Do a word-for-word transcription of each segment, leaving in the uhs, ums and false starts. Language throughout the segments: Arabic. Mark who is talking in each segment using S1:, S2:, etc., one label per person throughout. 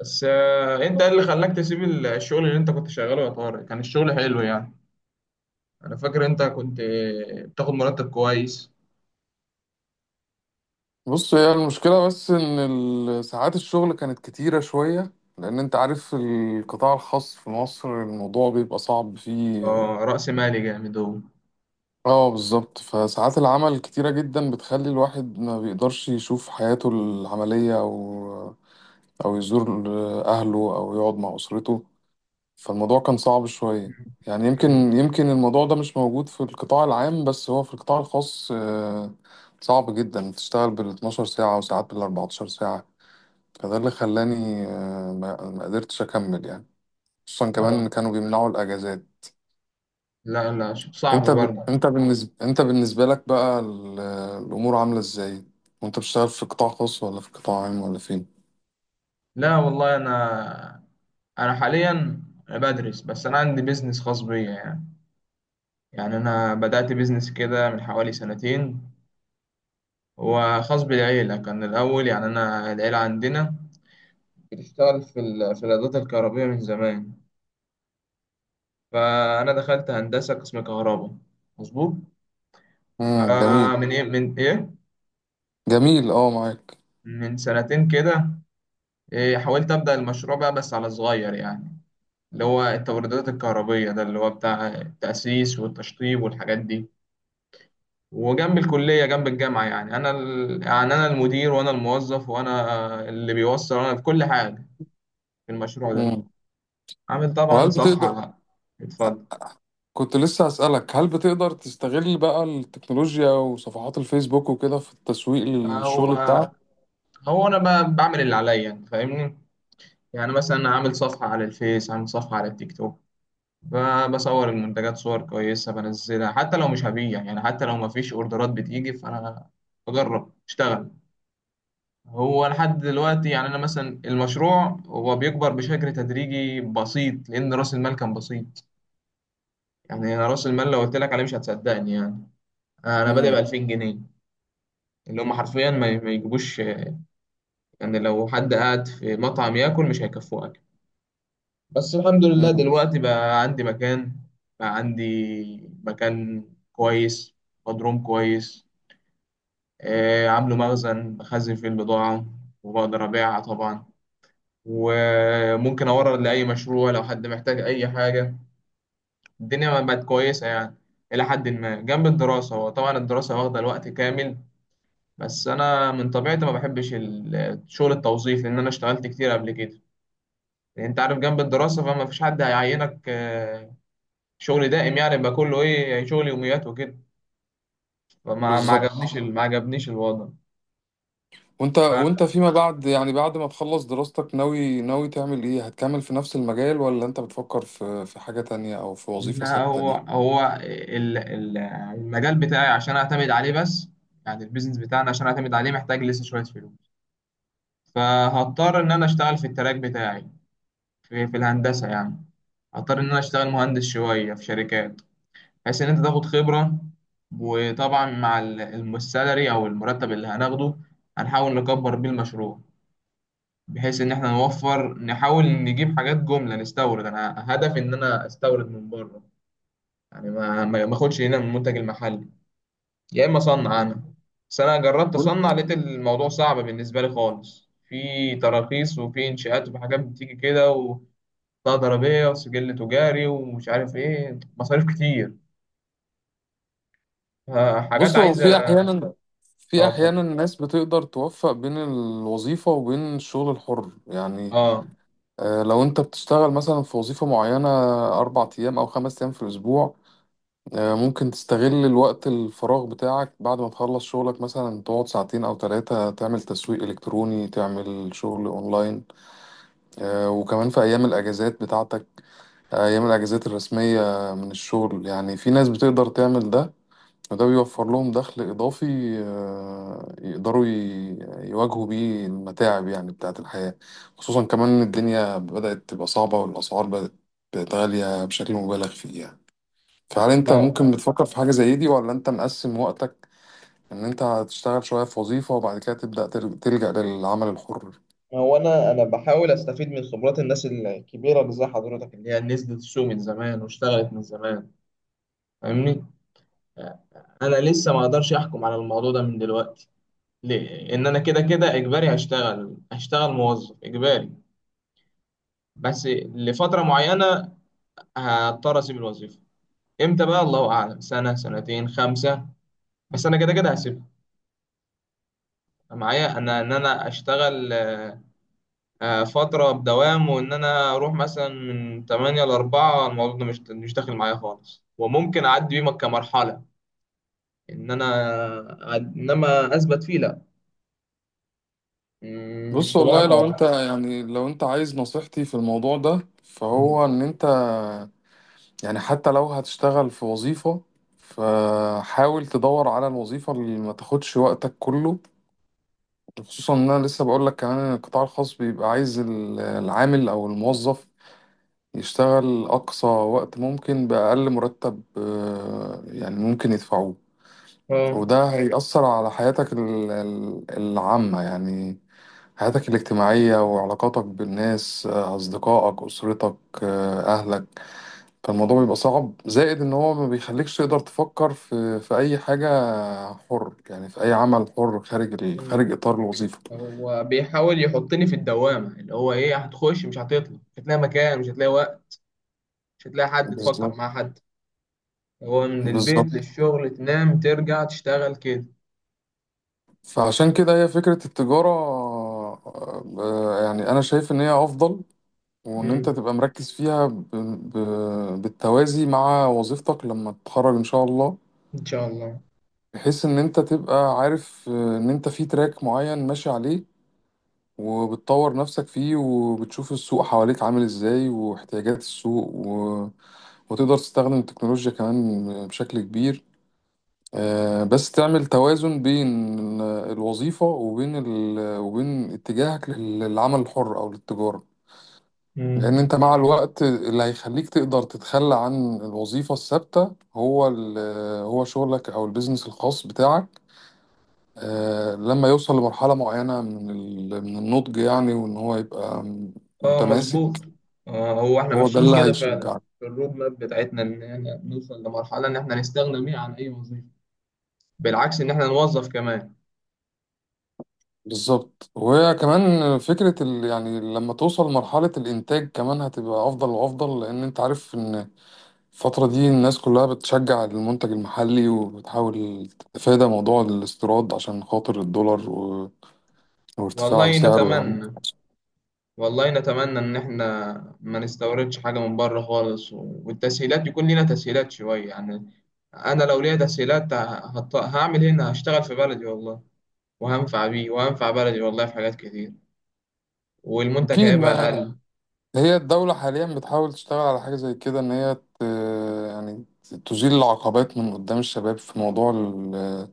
S1: بس آه، انت ايه اللي خلاك تسيب ال- الشغل اللي انت كنت شغاله يا طارق، كان الشغل حلو يعني. انا فاكر انت كنت آه، بتاخد مرتب كويس.
S2: بص، هي المشكلة بس إن ال- ساعات الشغل كانت كتيرة شوية. لأن أنت عارف القطاع الخاص في مصر الموضوع بيبقى صعب فيه.
S1: اه، رأس مالي جامد هو.
S2: اه بالظبط، فساعات العمل كتيرة جدا، بتخلي الواحد ما بيقدرش يشوف حياته العملية، أو أو يزور أهله أو يقعد مع أسرته. فالموضوع كان صعب شوية.
S1: مم.
S2: يعني يمكن
S1: كان-
S2: يمكن الموضوع ده مش موجود في القطاع العام، بس هو في القطاع الخاص آه، صعب جدا تشتغل بال اتناشر ساعة، وساعات بال اربعتاشر ساعة. فده اللي خلاني آه، ما ما قدرتش اكمل يعني. خصوصا كمان
S1: اه،
S2: كانوا بيمنعوا الاجازات.
S1: لا، لا، ش- صعب
S2: انت ب...
S1: برضه.
S2: انت بالنسبه انت بالنسبه لك بقى ال... الامور عامله ازاي؟ وانت بتشتغل في قطاع خاص ولا في قطاع عام ولا فين؟
S1: لا والله انا انا حاليا بدرس، بس انا عندي بيزنس خاص بيا يعني. يعني انا بدأت بيزنس كده من حوالي سنتين، هو خاص بالعيلة كان الاول يعني، انا العيلة عندنا بتشتغل في ال- في الادوات الكهربائية من زمان، فأنا دخلت هندسة قسم كهرباء. مظبوط.
S2: امم، جميل.
S1: فمن إيه من إيه
S2: جميل، اه، معاك.
S1: من سنتين كده، إيه حاولت أبدأ المشروع بقى بس على صغير يعني، اللي هو التوريدات الكهربية، ده اللي هو بتاع التأسيس والتشطيب والحاجات دي. وجنب الكلية، جنب الجامعة، يعني أنا ال... يعني أنا المدير وأنا الموظف وأنا اللي بيوصل وأنا في كل حاجة في المشروع ده.
S2: امم.
S1: عامل طبعا
S2: وهل
S1: صفحة
S2: بتقدر،
S1: بقى. اتفضل.
S2: كنت لسه هسألك، هل بتقدر تستغل بقى التكنولوجيا وصفحات الفيسبوك وكده في التسويق
S1: هو
S2: للشغل بتاعك؟
S1: هو أنا بقى بعمل اللي عليا يعني، فاهمني. يعني مثلا، عامل صفحة على الفيس، عامل صفحة على التيك توك، ب- بصور المنتجات صور كويسة بنزلها، حتى لو مش هبيع يعني، حتى لو مفيش اوردرات بتيجي فأنا بجرب اشتغل. هو لحد دلوقتي يعني أنا مثلا المشروع هو بيكبر بشكل تدريجي بسيط لأن رأس المال كان بسيط. يعني أنا رأس المال لو قلت لك عليه مش هتصدقني يعني، أنا بادئ ب
S2: امم.
S1: ألفين جنيه، اللي هم حرفيا ما ما يجيبوش يعني، لو حد قاعد في مطعم ياكل مش هيكفوه. بس الحمد لله
S2: امم.
S1: دلوقتي بقى عندي مكان، بقى عندي مكان كويس، مضروم كويس، آه، عامله مخزن بخزن فيه البضاعة وبقدر أبيعها طبعا، وممكن أورد لأي مشروع لو حد محتاج أي حاجة. الدنيا ما بقت كويسة يعني، إلى حد ما، جنب الدراسة، وطبعا الدراسة واخدة الوقت كامل. بس أنا من طبيعتي ما بحبش ال- شغل التوظيف، لأن أنا اشتغلت كتير قبل كده، يعني أنت عارف جنب الدراسة فما فيش حد هيعينك آه، شغل دائم، يعني بقى كله ايه يعني، شغل يوميات وكده. فما ما
S2: بالظبط.
S1: عجبنيش اه ال- ما عجبنيش الوضع.
S2: وانت وانت
S1: ف-
S2: فيما بعد، يعني بعد ما تخلص دراستك، ناوي ناوي تعمل ايه؟ هتكمل في نفس المجال، ولا انت بتفكر في في حاجة تانية او في وظيفة
S1: لا،
S2: ثابتة
S1: هو
S2: ليك؟
S1: هو ال- ال- المجال بتاعي عشان اعتمد عليه بس، يعني البيزنس بتاعنا عشان اعتمد عليه محتاج لسه شوية فلوس، فهضطر ان انا اشتغل في التراك بتاعي، في, في الهندسة يعني. هضطر ان انا اشتغل مهندس شوية في شركات، بحيث ان انت تاخد خبرة، وطبعا مع ال- الم- السالري او المرتب اللي هناخده هنحاول نكبر بيه المشروع، بحيث ان احنا نوفر، نحاول نجيب حاجات جملة نستورد، انا هدفي ان انا استورد من بره، يعني ما ما ما اخدش هنا من المنتج المحلي، يا اما اصنع انا. بس انا جربت اصنع
S2: وانت-
S1: لقيت الموضوع صعب بالنسبة لي خالص، في تراخيص وفي انشاءات وفي حاجات بتيجي كده، وبطاقة ضريبية وسجل تجاري ومش عارف ايه، مصاريف كتير، آه، حاجات
S2: بص، هو
S1: عايزة.
S2: في احيانا في
S1: اه
S2: احيانا
S1: طبعا.
S2: الناس بتقدر توفق بين الوظيفة وبين الشغل الحر يعني.
S1: اه.
S2: آه، لو انت بتشتغل مثلا في وظيفة معينة اربع ايام او خمس ايام في الاسبوع، آه، ممكن تستغل الوقت الفراغ بتاعك بعد ما تخلص شغلك، مثلا تقعد ساعتين او ثلاثة، تعمل تسويق الكتروني، تعمل شغل اونلاين. آه، وكمان في أيام الأجازات بتاعتك، أيام الأجازات الرسمية من الشغل، يعني في ناس بتقدر تعمل ده، وده بيوفر لهم دخل إضافي. آه، يقدروا ي- يواجهوا بيه المتاعب يعني بتاعة الحياة. خصوصا كمان إن الدنيا بدأت تبقى صعبة، والأسعار بدأت بقت غالية بشكل مبالغ فيه يعني. فهل أنت ممكن
S1: آه.
S2: بتفكر في حاجة زي دي، ولا أنت مقسم وقتك إن أنت هتشتغل شوية في وظيفة وبعد كده تبدأ تل- تلجأ للعمل الحر؟
S1: هو انا انا بحاول استفيد من خبرات الناس الكبيره اللي زي حضرتك، اللي هي نزلت السوق من زمان واشتغلت من زمان، فاهمني. انا لسه ما اقدرش احكم على الموضوع ده من دلوقتي، ليه؟ ان انا كده كده اجباري هشتغل هشتغل موظف اجباري بس لفتره معينه، هضطر اسيب الوظيفه. امتى بقى؟ الله اعلم، سنه، سنتين، خمسه، بس انا كده كده هسيبها. معايا انا ان انا اشتغل آه، فترة بدوام، وإن أنا أروح مثلا من تمانية ل أربعة، الموضوع ده مش مش داخل معايا خالص، وممكن أعدي بيه كمرحلة، إن أنا أد- إنما أثبت فيه، لأ. مم، مش
S2: بص
S1: طبيعي
S2: والله لو
S1: خالص.
S2: انت يعني لو انت عايز نصيحتي في الموضوع ده،
S1: مم.
S2: فهو ان انت يعني، حتى لو هتشتغل في وظيفة، فحاول تدور على الوظيفة اللي ما تاخدش وقتك كله. خصوصا ان انا لسه بقول لك كمان ان القطاع الخاص بيبقى عايز ال- العامل او الموظف يشتغل اقصى وقت ممكن باقل مرتب، آه، يعني ممكن يدفعوه.
S1: أه.
S2: وده هيأثر على حياتك ال- ال- العامة يعني، حياتك الاجتماعية وعلاقاتك بالناس، آه، أصدقائك، أسرتك، آه، أهلك. فالموضوع بيبقى صعب، زائد إن هو ما بيخليكش تقدر تفكر في في أي حاجة حر يعني، في أي عمل حر خارج ال-
S1: مم.
S2: خارج إطار الوظيفة.
S1: هو بيحاول يحطني في الدوامة، اللي هو إيه، هتخش مش هتطلع، مش هتلاقي مكان، مش هتلاقي وقت، مش هتلاقي حد تفكر
S2: بالظبط.
S1: مع حد، هو من البيت
S2: بالظبط.
S1: للشغل، تنام ترجع تشتغل كده.
S2: فعشان كده هي فكرة التجارة، آه، آه، يعني أنا شايف إن هي أفضل، وإن أنت
S1: مم.
S2: تبقى مركز فيها ب- ب- بالتوازي مع وظيفتك لما تتخرج إن شاء الله.
S1: إن شاء الله.
S2: بحيث ان انت تبقى عارف، آه، ان انت في تراك معين ماشي عليه، وبتطور نفسك فيه، وبتشوف السوق حواليك عامل ازاي، واحتياجات السوق و... وتقدر تستخدم التكنولوجيا كمان بشكل كبير. آه، بس تعمل توازن بين الوظيفة وبين ال... وبين اتجاهك لل- للعمل الحر او للتجارة. لان
S1: مم.
S2: انت مع الوقت اللي هيخليك تقدر تتخلى عن الوظيفة الثابتة هو ال... هو شغلك او البيزنس الخاص بتاعك، آه، لما يوصل لمرحلة معينة من ال- من النضج يعني، وإن هو يبقى
S1: اه، مظبوط.
S2: متماسك.
S1: آه هو احنا
S2: هو ده
S1: ماشيين
S2: اللي
S1: كده فعلا
S2: هيشجعك.
S1: في الرود ماب بتاعتنا، ان احنا نوصل لمرحلة ان احنا نستغنى بيها عن اي وظيفة، بالعكس ان احنا نوظف كمان.
S2: بالظبط. وهي كمان فكرة ال يعني، لما توصل لمرحلة الإنتاج كمان هتبقى أفضل وأفضل، لأن أنت عارف إن الفترة دي الناس كلها بتشجع المنتج المحلي، وبتحاول تتفادى موضوع الاستيراد عشان خاطر الدولار و- وارتفاع
S1: والله
S2: سعره يعني.
S1: نتمنى، والله نتمنى ان احنا ما نستوردش حاجة من بره خالص، و- والتسهيلات، يكون لنا تسهيلات شوية يعني. انا لو ليا تسهيلات ه- هط- هعمل هنا، هشتغل في بلدي والله، وهنفع بيه، وهنفع بلدي والله في حاجات كتير، والمنتج
S2: أكيد.
S1: هيبقى اقل.
S2: هي الدولة حاليا بتحاول تشتغل على حاجة زي كده، إن هي ت... يعني تزيل العقبات من قدام الشباب في موضوع ال-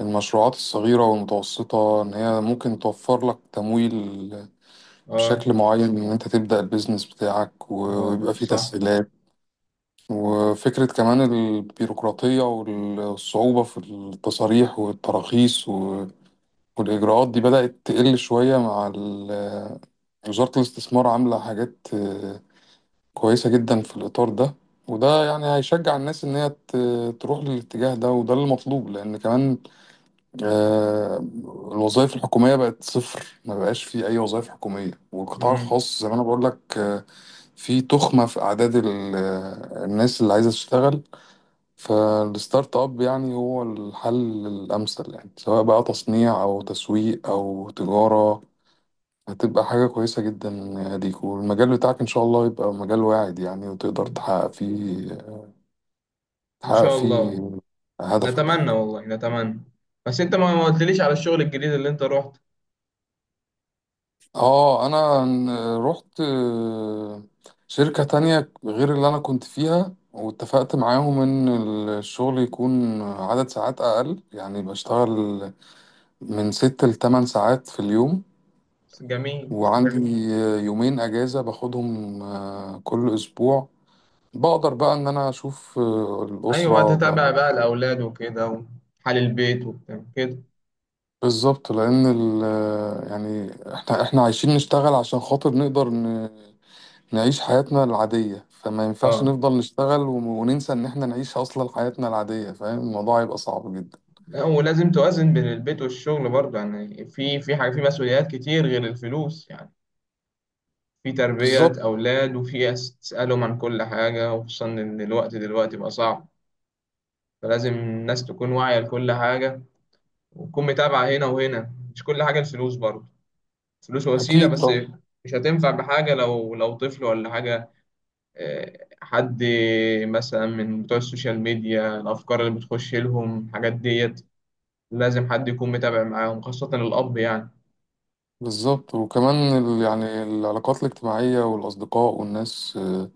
S2: المشروعات الصغيرة والمتوسطة، إن هي ممكن توفر لك تمويل
S1: اه.
S2: بشكل معين، إن أنت تبدأ البيزنس بتاعك و-
S1: ما-
S2: ويبقى فيه
S1: صح.
S2: تسهيلات. وفكرة كمان البيروقراطية والصعوبة في التصاريح والتراخيص و... والإجراءات دي بدأت تقل شوية مع ال... وزارة الاستثمار عاملة حاجات كويسة جدا في الإطار ده. وده يعني هيشجع الناس إن هي ت- تروح للاتجاه ده، وده اللي مطلوب. لأن كمان، آه، الوظائف الحكومية بقت صفر، ما بقاش في أي وظائف حكومية، والقطاع
S1: مم.
S2: الخاص زي ما أنا بقول لك، آه، في تخمة في أعداد ال- آه، الناس اللي عايزة تشتغل. فالستارت أب يعني هو الحل الأمثل، يعني سواء بقى تصنيع أو تسويق أو تجارة، هتبقى حاجة كويسة جدا يا ديك. والمجال بتاعك إن شاء الله يبقى مجال واعد يعني، وتقدر تحقق فيه
S1: ان
S2: تحقق
S1: شاء الله.
S2: فيه هدفك
S1: نتمنى،
S2: يعني.
S1: والله نتمنى. بس انت ما ما قلتليش على الشغل الجديد اللي انت رحت.
S2: اه، أنا ن- رحت آه، شركة تانية غير اللي أنا كنت فيها، واتفقت معاهم إن الشغل يكون عدد ساعات أقل، يعني بشتغل من ست لتمن ساعات في اليوم.
S1: بس جميل.
S2: وعندي آه، يومين أجازة باخدهم آه، كل أسبوع. بقدر بقى ان انا اشوف آه،
S1: ايوه،
S2: الاسره.
S1: تتابع بقى الاولاد وكده وحال البيت وبتاع كده.
S2: بالظبط، لان ال يعني احنا احنا عايشين نشتغل عشان خاطر نقدر ن- نعيش حياتنا العادية، فما ينفعش
S1: اه،
S2: نفضل نشتغل ون- وننسى ان احنا نعيش اصلا حياتنا العادية. فاهم، الموضوع هيبقى صعب جدا.
S1: لا ولازم توازن بين البيت والشغل برضه يعني، في في حاجه، في مسؤوليات كتير غير الفلوس يعني، في تربيه
S2: بالظبط.
S1: اولاد، وفي أس- تسالهم عن كل حاجه، وخصوصا ان الوقت دلوقتي بقى صعب. فلازم الناس تكون واعيه لكل حاجه، وتكون متابعه هنا وهنا، مش كل حاجه الفلوس برضه، الفلوس وسيلة
S2: اكيد
S1: بس،
S2: طبعا.
S1: مش هتنفع بحاجة لو لو طفل ولا حاجة. آه، حد مثلا من بتوع السوشيال ميديا، الأفكار اللي بتخش لهم الحاجات ديت، لازم حد يكون متابع معاهم، خاصة الأب يعني.
S2: بالظبط. وكمان ال يعني العلاقات الاجتماعية والاصدقاء والناس، آه،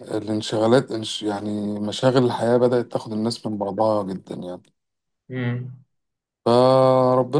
S2: الانشغالات انش يعني مشاغل الحياة بدأت تاخد الناس من بعضها جدا يعني.
S1: مم.
S2: فربنا